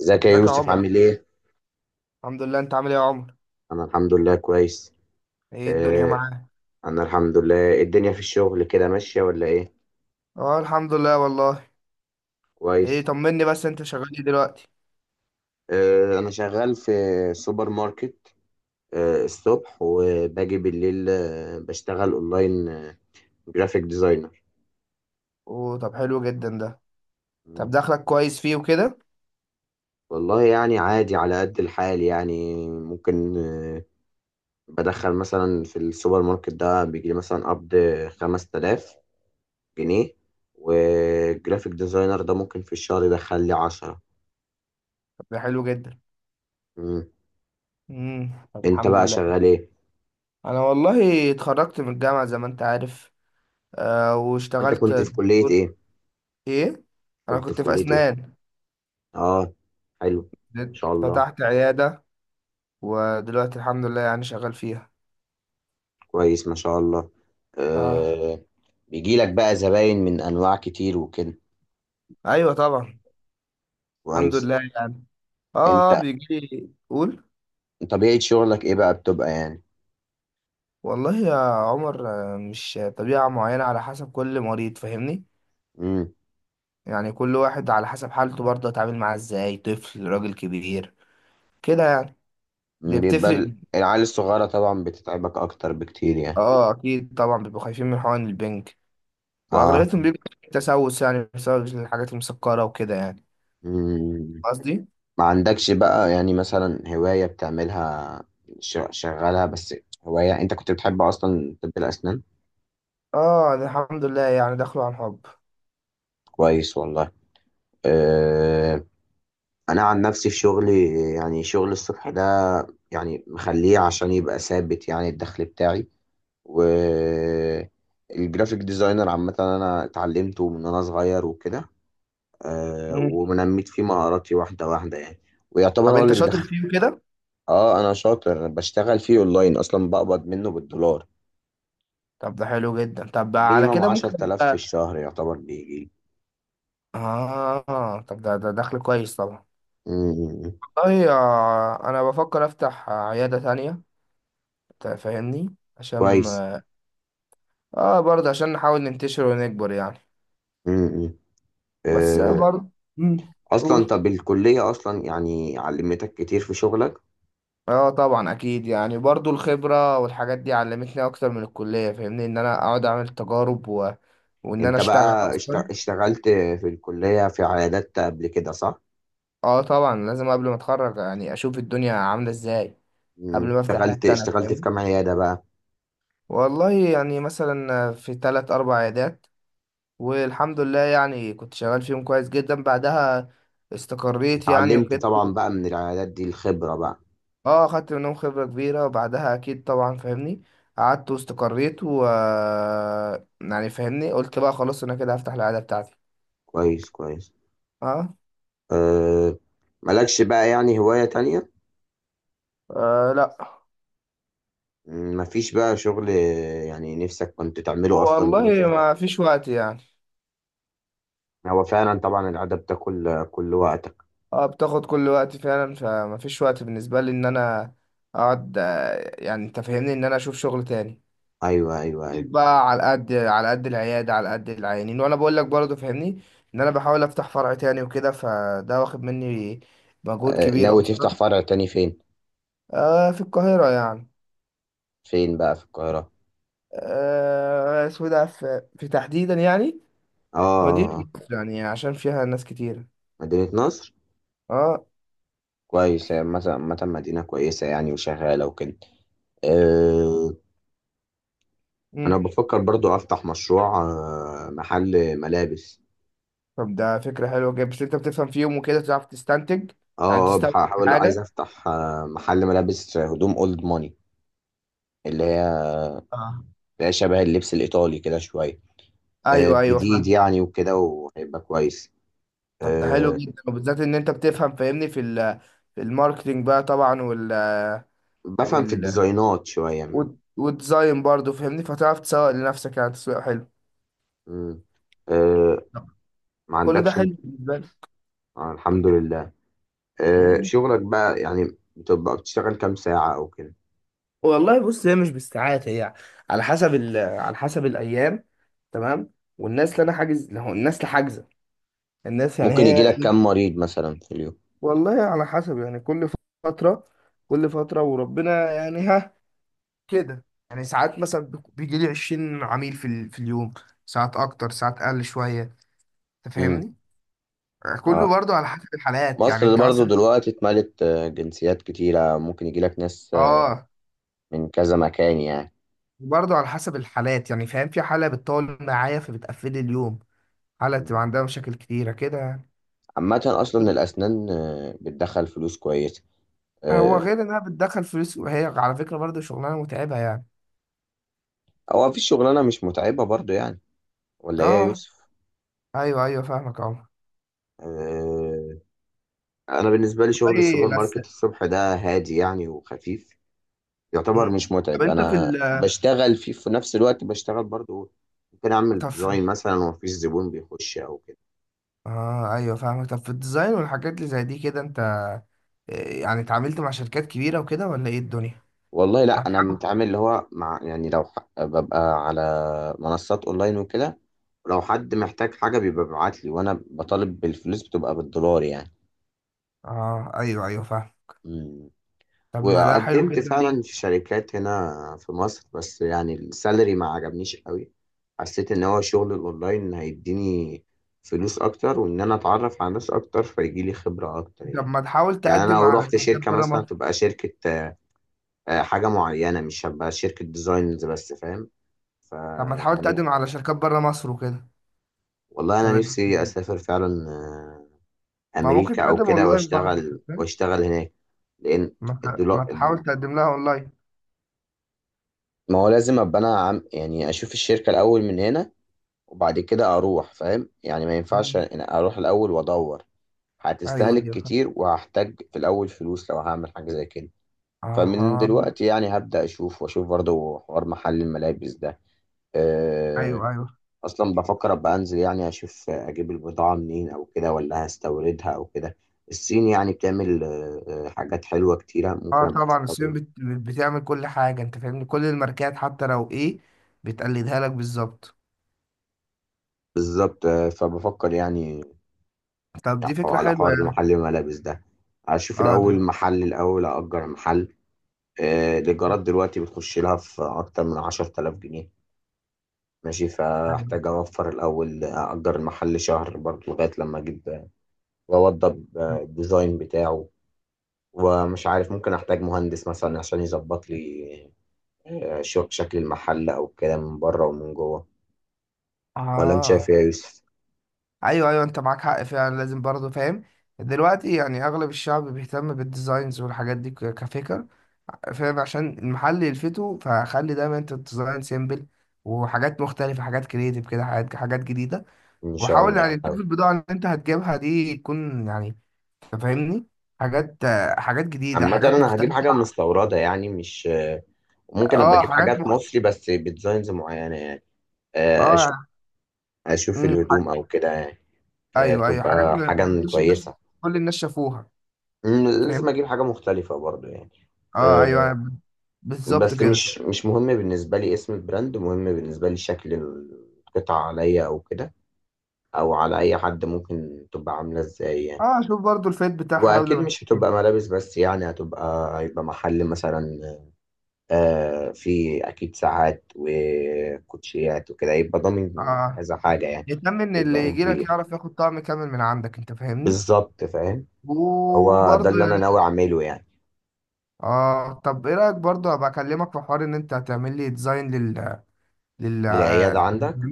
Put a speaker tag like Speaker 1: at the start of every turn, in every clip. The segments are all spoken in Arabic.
Speaker 1: ازيك يا
Speaker 2: ازيك يا
Speaker 1: يوسف
Speaker 2: عمر.
Speaker 1: عامل ايه؟
Speaker 2: الحمد لله، انت عامل ايه يا عمر؟
Speaker 1: انا الحمد لله كويس.
Speaker 2: ايه الدنيا
Speaker 1: آه
Speaker 2: معاك؟
Speaker 1: انا الحمد لله الدنيا في الشغل كده ماشية ولا ايه؟
Speaker 2: اه الحمد لله والله. ايه،
Speaker 1: كويس.
Speaker 2: طمني بس انت شغال ايه دلوقتي؟
Speaker 1: انا شغال في سوبر ماركت، الصبح وباجي بالليل، بشتغل اونلاين، جرافيك ديزاينر.
Speaker 2: اوه طب حلو جدا ده. طب
Speaker 1: مم.
Speaker 2: دخلك كويس فيه وكده؟
Speaker 1: والله يعني عادي على قد الحال، يعني ممكن. بدخل مثلا في السوبر ماركت ده، بيجي لي مثلا قبض 5000 جنيه، وجرافيك ديزاينر ده ممكن في الشهر يدخل لي 10.
Speaker 2: طب ده حلو جدا. طب
Speaker 1: انت
Speaker 2: الحمد
Speaker 1: بقى
Speaker 2: لله.
Speaker 1: شغال ايه؟
Speaker 2: انا والله اتخرجت من الجامعة زي ما انت عارف.
Speaker 1: وانت
Speaker 2: واشتغلت
Speaker 1: كنت في كلية
Speaker 2: دكتور.
Speaker 1: ايه؟
Speaker 2: ايه؟ انا
Speaker 1: كنت في
Speaker 2: كنت في
Speaker 1: كلية ايه؟
Speaker 2: اسنان.
Speaker 1: اه، حلو. ما شاء الله.
Speaker 2: فتحت عيادة، ودلوقتي الحمد لله يعني شغال فيها.
Speaker 1: كويس، ما شاء الله.
Speaker 2: اه.
Speaker 1: آه. بيجي لك بقى زباين من انواع كتير وكده؟
Speaker 2: ايوه طبعا. الحمد
Speaker 1: كويس.
Speaker 2: لله يعني.
Speaker 1: انت
Speaker 2: اه بيجي لي. قول.
Speaker 1: طبيعة شغلك ايه بقى، بتبقى يعني؟
Speaker 2: والله يا عمر، مش طبيعة معينة، على حسب كل مريض فاهمني.
Speaker 1: امم.
Speaker 2: يعني كل واحد على حسب حالته برضه اتعامل معاه ازاي، طفل راجل كبير كده يعني. دي
Speaker 1: بيبقى
Speaker 2: بتفرق.
Speaker 1: العيال الصغيرة طبعا بتتعبك اكتر بكتير يعني.
Speaker 2: اه اكيد طبعا بيبقوا خايفين من حقن البنك،
Speaker 1: اه.
Speaker 2: واغلبيتهم بيبقى تسوس يعني بسبب الحاجات المسكرة وكده يعني.
Speaker 1: مم.
Speaker 2: قصدي
Speaker 1: ما عندكش بقى يعني مثلا هواية بتعملها، شغالها بس؟ هواية انت كنت بتحب اصلا طب الاسنان؟
Speaker 2: اه ده الحمد لله يعني دخلوا عن حب.
Speaker 1: كويس والله. آه، انا عن نفسي في شغلي، يعني شغل الصبح ده يعني مخليه عشان يبقى ثابت يعني الدخل بتاعي، و الجرافيك ديزاينر عامة انا اتعلمته من وانا صغير وكده.
Speaker 2: مم.
Speaker 1: ونميت فيه مهاراتي واحدة واحدة يعني، ويعتبر
Speaker 2: طب
Speaker 1: هو
Speaker 2: انت
Speaker 1: اللي
Speaker 2: شاطر
Speaker 1: بيدخل.
Speaker 2: فيه كده؟
Speaker 1: اه انا شاطر، أنا بشتغل فيه اونلاين اصلا، بقبض منه بالدولار
Speaker 2: طب ده حلو جدا، طب على
Speaker 1: مينيمم
Speaker 2: كده ممكن
Speaker 1: 10000 في الشهر يعتبر بيجي.
Speaker 2: اه طب ده دخل كويس طبعا.
Speaker 1: م- م- م.
Speaker 2: والله انا بفكر افتح عيادة تانية انت فاهمني عشان
Speaker 1: كويس.
Speaker 2: اه برضه عشان نحاول ننتشر ونكبر يعني.
Speaker 1: م- م.
Speaker 2: بس برضه. مم،
Speaker 1: اصلا
Speaker 2: قول.
Speaker 1: طب الكلية اصلا يعني علمتك كتير في شغلك.
Speaker 2: اه طبعا اكيد يعني، برضه الخبرة والحاجات دي علمتني اكتر من الكلية، فاهمني ان انا اقعد اعمل تجارب وان انا
Speaker 1: انت
Speaker 2: اشتغل
Speaker 1: بقى
Speaker 2: اصلا.
Speaker 1: اشتغلت في الكلية في عيادات قبل كده، صح؟
Speaker 2: اه طبعا لازم قبل ما اتخرج يعني اشوف الدنيا عاملة ازاي. قبل
Speaker 1: مم.
Speaker 2: ما افتح
Speaker 1: اشتغلت
Speaker 2: حتة انا
Speaker 1: اشتغلت في
Speaker 2: فاهم.
Speaker 1: كام عيادة بقى؟
Speaker 2: والله يعني مثلا في تلات اربع عيادات، والحمد لله يعني كنت شغال فيهم كويس جدا. بعدها استقريت يعني
Speaker 1: اتعلمت
Speaker 2: وكده.
Speaker 1: طبعا بقى من العيادات دي الخبرة بقى؟
Speaker 2: اه خدت منهم خبرة كبيرة، وبعدها اكيد طبعا فاهمني قعدت واستقريت، و يعني فاهمني قلت بقى خلاص انا كده هفتح العيادة بتاعتي.
Speaker 1: كويس كويس.
Speaker 2: اه.
Speaker 1: أه. مالكش بقى يعني هواية تانية؟
Speaker 2: لا.
Speaker 1: مفيش بقى شغل، يعني نفسك كنت تعمله اصلا من وانت
Speaker 2: والله
Speaker 1: صغير؟
Speaker 2: ما فيش وقت يعني.
Speaker 1: هو فعلا طبعا العادة بتاكل كل وقتك.
Speaker 2: اه بتاخد كل وقت فعلا، فما فيش وقت بالنسبة لي ان انا اقعد، يعني انت فاهمني ان انا اشوف شغل تاني.
Speaker 1: ايوه ايوه ايوه.
Speaker 2: بقى على قد العيادة، على قد العيانين، وانا بقول لك برضه فاهمني ان انا بحاول افتح فرع تاني وكده، فده واخد مني مجهود
Speaker 1: أه،
Speaker 2: كبير
Speaker 1: ناوي
Speaker 2: اصلا.
Speaker 1: تفتح فرع تاني فين؟
Speaker 2: في القاهرة يعني.
Speaker 1: فين بقى في القاهرة؟
Speaker 2: اسمه ده في تحديدا يعني
Speaker 1: اه.
Speaker 2: مدينة نصر، يعني عشان فيها ناس كتير.
Speaker 1: مدينة نصر؟
Speaker 2: اه.
Speaker 1: كويسة، مثلا مدينة كويسة يعني، وشغالة وكده؟ أه. أنا
Speaker 2: مم.
Speaker 1: بفكر برضو أفتح مشروع، محل ملابس.
Speaker 2: طب ده فكرة حلوة جدا، بس انت بتفهم فيهم وكده تعرف تستنتج يعني
Speaker 1: اه،
Speaker 2: تستنتج
Speaker 1: بحاول عايز
Speaker 2: حاجة.
Speaker 1: أفتح، محل ملابس هدوم أولد ماني، اللي هي،
Speaker 2: اه
Speaker 1: اللي هي شبه اللبس الإيطالي كده شوية. أه،
Speaker 2: ايوه ايوه
Speaker 1: جديد
Speaker 2: فاهم.
Speaker 1: يعني وكده وهيبقى كويس.
Speaker 2: طب ده حلو
Speaker 1: أه،
Speaker 2: جدا وبالذات ان انت بتفهم فاهمني في الماركتينج بقى طبعا.
Speaker 1: بفهم في
Speaker 2: وال
Speaker 1: الديزاينات شوية.
Speaker 2: وتزين برضه فاهمني، فتعرف تسوق لنفسك يعني تسويق حلو.
Speaker 1: مم. أه. ما
Speaker 2: كل ده
Speaker 1: عندكش انت؟
Speaker 2: حلو بالنسبة لي.
Speaker 1: آه، الحمد لله. أه،
Speaker 2: مم.
Speaker 1: شغلك بقى يعني بتبقى بتشتغل كام ساعة أو كده؟
Speaker 2: والله بص، هي مش بالساعات، هي على حسب الأيام. تمام. والناس اللي أنا حاجز هو الناس اللي حاجزة، الناس يعني
Speaker 1: ممكن يجي
Speaker 2: هي.
Speaker 1: لك كام مريض مثلا في اليوم؟
Speaker 2: والله على حسب يعني كل فترة، وربنا يعني ها كده يعني. ساعات مثلا بيجي لي 20 عميل في اليوم. ساعات أكتر، ساعات أقل شوية. أنت
Speaker 1: امم.
Speaker 2: فاهمني.
Speaker 1: اه.
Speaker 2: كله برضه على حسب الحالات يعني.
Speaker 1: مصر
Speaker 2: أنت
Speaker 1: برضو
Speaker 2: مثلا
Speaker 1: دلوقتي اتملت جنسيات كتيرة، ممكن يجي لك ناس
Speaker 2: اه.
Speaker 1: من كذا مكان يعني.
Speaker 2: برضه على حسب الحالات يعني فاهم، في حالة بتطول معايا فبتقفلي اليوم، حالة بتبقى
Speaker 1: مم.
Speaker 2: عندها مشاكل كتيرة كده يعني.
Speaker 1: عامة أصلا الأسنان بتدخل فلوس كويسة.
Speaker 2: هو
Speaker 1: آه،
Speaker 2: غير انها بتدخل فلوس، وهي على فكرة برضه شغلانة متعبة يعني.
Speaker 1: هو مفيش شغلانة مش متعبة برضو يعني، ولا إيه يا
Speaker 2: اه
Speaker 1: يوسف؟
Speaker 2: ايوه ايوه فاهمك اه.
Speaker 1: آه، أنا بالنسبة لي شغل
Speaker 2: اي
Speaker 1: السوبر
Speaker 2: بس.
Speaker 1: ماركت الصبح ده هادي يعني وخفيف، يعتبر
Speaker 2: مم.
Speaker 1: مش
Speaker 2: طب
Speaker 1: متعب.
Speaker 2: انت في
Speaker 1: أنا
Speaker 2: ال
Speaker 1: بشتغل فيه في نفس الوقت بشتغل برضو، ممكن أعمل
Speaker 2: طب في
Speaker 1: ديزاين مثلا ومفيش زبون بيخش أو كده.
Speaker 2: اه ايوه فاهمك. طب في الديزاين والحاجات اللي زي دي كده، انت يعني اتعاملت مع شركات كبيرة وكده ولا ايه الدنيا؟
Speaker 1: والله لا،
Speaker 2: ما
Speaker 1: انا
Speaker 2: تحاول.
Speaker 1: متعامل اللي هو مع، يعني لو ببقى على منصات اونلاين وكده. لو حد محتاج حاجه بيبقى بيبعت لي وانا بطالب بالفلوس، بتبقى بالدولار يعني.
Speaker 2: اه ايوه ايوه فاهم.
Speaker 1: مم.
Speaker 2: طب ما ده حلو
Speaker 1: وقدمت
Speaker 2: جدا
Speaker 1: فعلا
Speaker 2: ليه؟
Speaker 1: في شركات هنا في مصر، بس يعني السالري ما عجبنيش قوي. حسيت ان هو شغل الاونلاين هيديني فلوس اكتر، وان انا اتعرف على ناس اكتر فيجي لي خبره اكتر
Speaker 2: طب
Speaker 1: يعني.
Speaker 2: ما تحاول
Speaker 1: يعني انا
Speaker 2: تقدم
Speaker 1: لو
Speaker 2: على
Speaker 1: رحت
Speaker 2: شركات
Speaker 1: شركه
Speaker 2: بره
Speaker 1: مثلا،
Speaker 2: مصر.
Speaker 1: تبقى شركه، حاجه معينه، مش هبقى شركه ديزاينز بس، فاهم؟ ف
Speaker 2: طب ما تحاول
Speaker 1: يعني
Speaker 2: تقدم على شركات بره مصر وكده.
Speaker 1: والله
Speaker 2: طب
Speaker 1: انا نفسي اسافر فعلا،
Speaker 2: ما ممكن
Speaker 1: امريكا او
Speaker 2: تقدم
Speaker 1: كده،
Speaker 2: اونلاين برضه أنت
Speaker 1: واشتغل
Speaker 2: فاهم؟
Speaker 1: هناك. لان الدولار،
Speaker 2: ما تحاول تقدم لها اونلاين.
Speaker 1: ما هو لازم ابقى انا عم يعني اشوف الشركه الاول من هنا وبعد كده اروح فاهم يعني. ما ينفعش
Speaker 2: مم.
Speaker 1: إن اروح الاول وادور،
Speaker 2: ايوه
Speaker 1: هتستهلك
Speaker 2: ايوه فاهم.
Speaker 1: كتير وهحتاج في الاول فلوس لو هعمل حاجه زي كده. فمن
Speaker 2: اها.
Speaker 1: دلوقتي يعني هبدا اشوف، واشوف برضه حوار محل الملابس ده. آه،
Speaker 2: ايوه ايوه.
Speaker 1: اصلا بفكر ابقى انزل يعني اشوف اجيب البضاعه منين او كده، ولا هستوردها او كده. الصين يعني بتعمل حاجات حلوه كتيره، ممكن
Speaker 2: اه
Speaker 1: ابقى
Speaker 2: طبعا الصين
Speaker 1: استورد.
Speaker 2: بتعمل كل حاجه انت فاهمني، كل الماركات حتى لو ايه بتقلدها لك بالظبط.
Speaker 1: بالظبط. فبفكر يعني
Speaker 2: طب دي فكره
Speaker 1: على
Speaker 2: حلوه
Speaker 1: حوار
Speaker 2: يعني.
Speaker 1: محل الملابس ده. اشوف
Speaker 2: اه
Speaker 1: الاول محل، الاول اجر محل. الايجارات دلوقتي بتخش لها في اكتر من 10000 جنيه، ماشي. فاحتاج
Speaker 2: أيوة.
Speaker 1: اوفر الاول اجر المحل شهر برضه لغايه لما اجيب، واوضب الديزاين بتاعه. ومش عارف، ممكن احتاج مهندس مثلا عشان يظبط لي، شكل المحل او كده من بره ومن جوه. ولا انت شايف ايه
Speaker 2: اه
Speaker 1: يا يوسف؟
Speaker 2: ايوه ايوه، انت معاك حق فعلا لازم برضه فاهم. دلوقتي يعني اغلب الشعب بيهتم بالديزاينز والحاجات دي كفكر فاهم، عشان المحل يلفته. فخلي دايما انت الديزاين سيمبل، وحاجات مختلفة، حاجات كريتيف كده، حاجات جديدة.
Speaker 1: ان شاء
Speaker 2: وحاول
Speaker 1: الله
Speaker 2: يعني
Speaker 1: هحاول.
Speaker 2: تشوف البضاعة اللي انت هتجيبها دي تكون يعني، أنت فاهمني، حاجات، حاجات جديدة
Speaker 1: عامة
Speaker 2: حاجات
Speaker 1: انا هجيب
Speaker 2: مختلفة.
Speaker 1: حاجة مستوردة يعني، مش، ممكن ابقى
Speaker 2: اه
Speaker 1: اجيب
Speaker 2: حاجات
Speaker 1: حاجات مصري بس بديزاينز معينة يعني. آه، اشوف
Speaker 2: اه.
Speaker 1: اشوف
Speaker 2: أمم، حاج...
Speaker 1: الهدوم او كده يعني.
Speaker 2: ايوه ايوه، حاجات
Speaker 1: تبقى
Speaker 2: ما
Speaker 1: حاجة
Speaker 2: كلش الناس،
Speaker 1: كويسة.
Speaker 2: كل الناس شافوها. فاهم.
Speaker 1: لازم اجيب حاجة مختلفة برضو يعني.
Speaker 2: اه
Speaker 1: آه.
Speaker 2: ايوه بالظبط
Speaker 1: بس
Speaker 2: كده.
Speaker 1: مش مهم بالنسبة لي اسم البراند، مهم بالنسبة لي شكل القطعة عليا او كده، او على اي حد ممكن تبقى عامله ازاي يعني.
Speaker 2: اه شوف برضو الفيت بتاعها قبل
Speaker 1: واكيد
Speaker 2: ما
Speaker 1: مش
Speaker 2: تشتري.
Speaker 1: هتبقى ملابس بس يعني، هيبقى محل مثلا في اكيد ساعات وكوتشيات وكده، يبقى ضامن
Speaker 2: اه
Speaker 1: كذا حاجه يعني.
Speaker 2: يهتم ان اللي
Speaker 1: يبقى
Speaker 2: يجي لك
Speaker 1: كبير.
Speaker 2: يعرف ياخد طعم كامل من عندك انت فاهمني.
Speaker 1: بالظبط، فاهم. هو ده
Speaker 2: وبرضو
Speaker 1: اللي انا
Speaker 2: يعني
Speaker 1: ناوي اعمله يعني.
Speaker 2: اه. طب ايه رايك برضو ابقى اكلمك في حوار ان انت هتعمل لي ديزاين لل لل
Speaker 1: العياده
Speaker 2: اه
Speaker 1: عندك.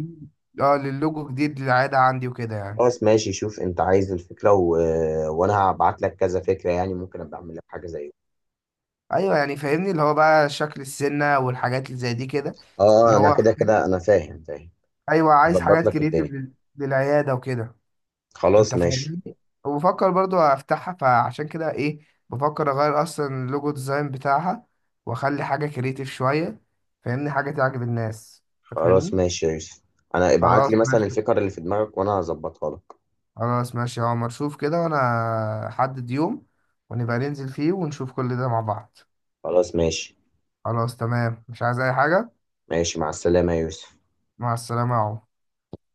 Speaker 2: اه، للوجو جديد للعاده عندي وكده يعني.
Speaker 1: خلاص ماشي، شوف انت عايز الفكره، و... وانا هبعت لك كذا فكره يعني، ممكن ابقى اعمل لك حاجه زي
Speaker 2: ايوه يعني فاهمني اللي هو بقى شكل السنه والحاجات اللي زي دي كده، اللي
Speaker 1: اه. انا
Speaker 2: هو
Speaker 1: كده كده انا فاهم فاهم.
Speaker 2: ايوه عايز
Speaker 1: هظبط
Speaker 2: حاجات
Speaker 1: لك
Speaker 2: كريتيف
Speaker 1: الدنيا.
Speaker 2: للعياده وكده انت
Speaker 1: خلاص ماشي.
Speaker 2: فاهمني. وبفكر برضو افتحها، فعشان كده ايه، بفكر اغير اصلا اللوجو ديزاين بتاعها واخلي حاجه كريتيف شويه، فاهمني حاجه تعجب الناس انت
Speaker 1: خلاص
Speaker 2: فاهمني.
Speaker 1: ماشي يا يوسف، انا ابعت
Speaker 2: خلاص
Speaker 1: لي مثلا
Speaker 2: ماشي.
Speaker 1: الفكر اللي في دماغك وانا هظبطها لك.
Speaker 2: خلاص ماشي يا عمر، شوف كده وانا حدد يوم ونبقى ننزل فيه ونشوف كل ده مع بعض.
Speaker 1: خلاص ماشي.
Speaker 2: خلاص تمام مش عايز اي حاجه.
Speaker 1: ماشي مع السلامة يا يوسف.
Speaker 2: مع السلامه يا عمر.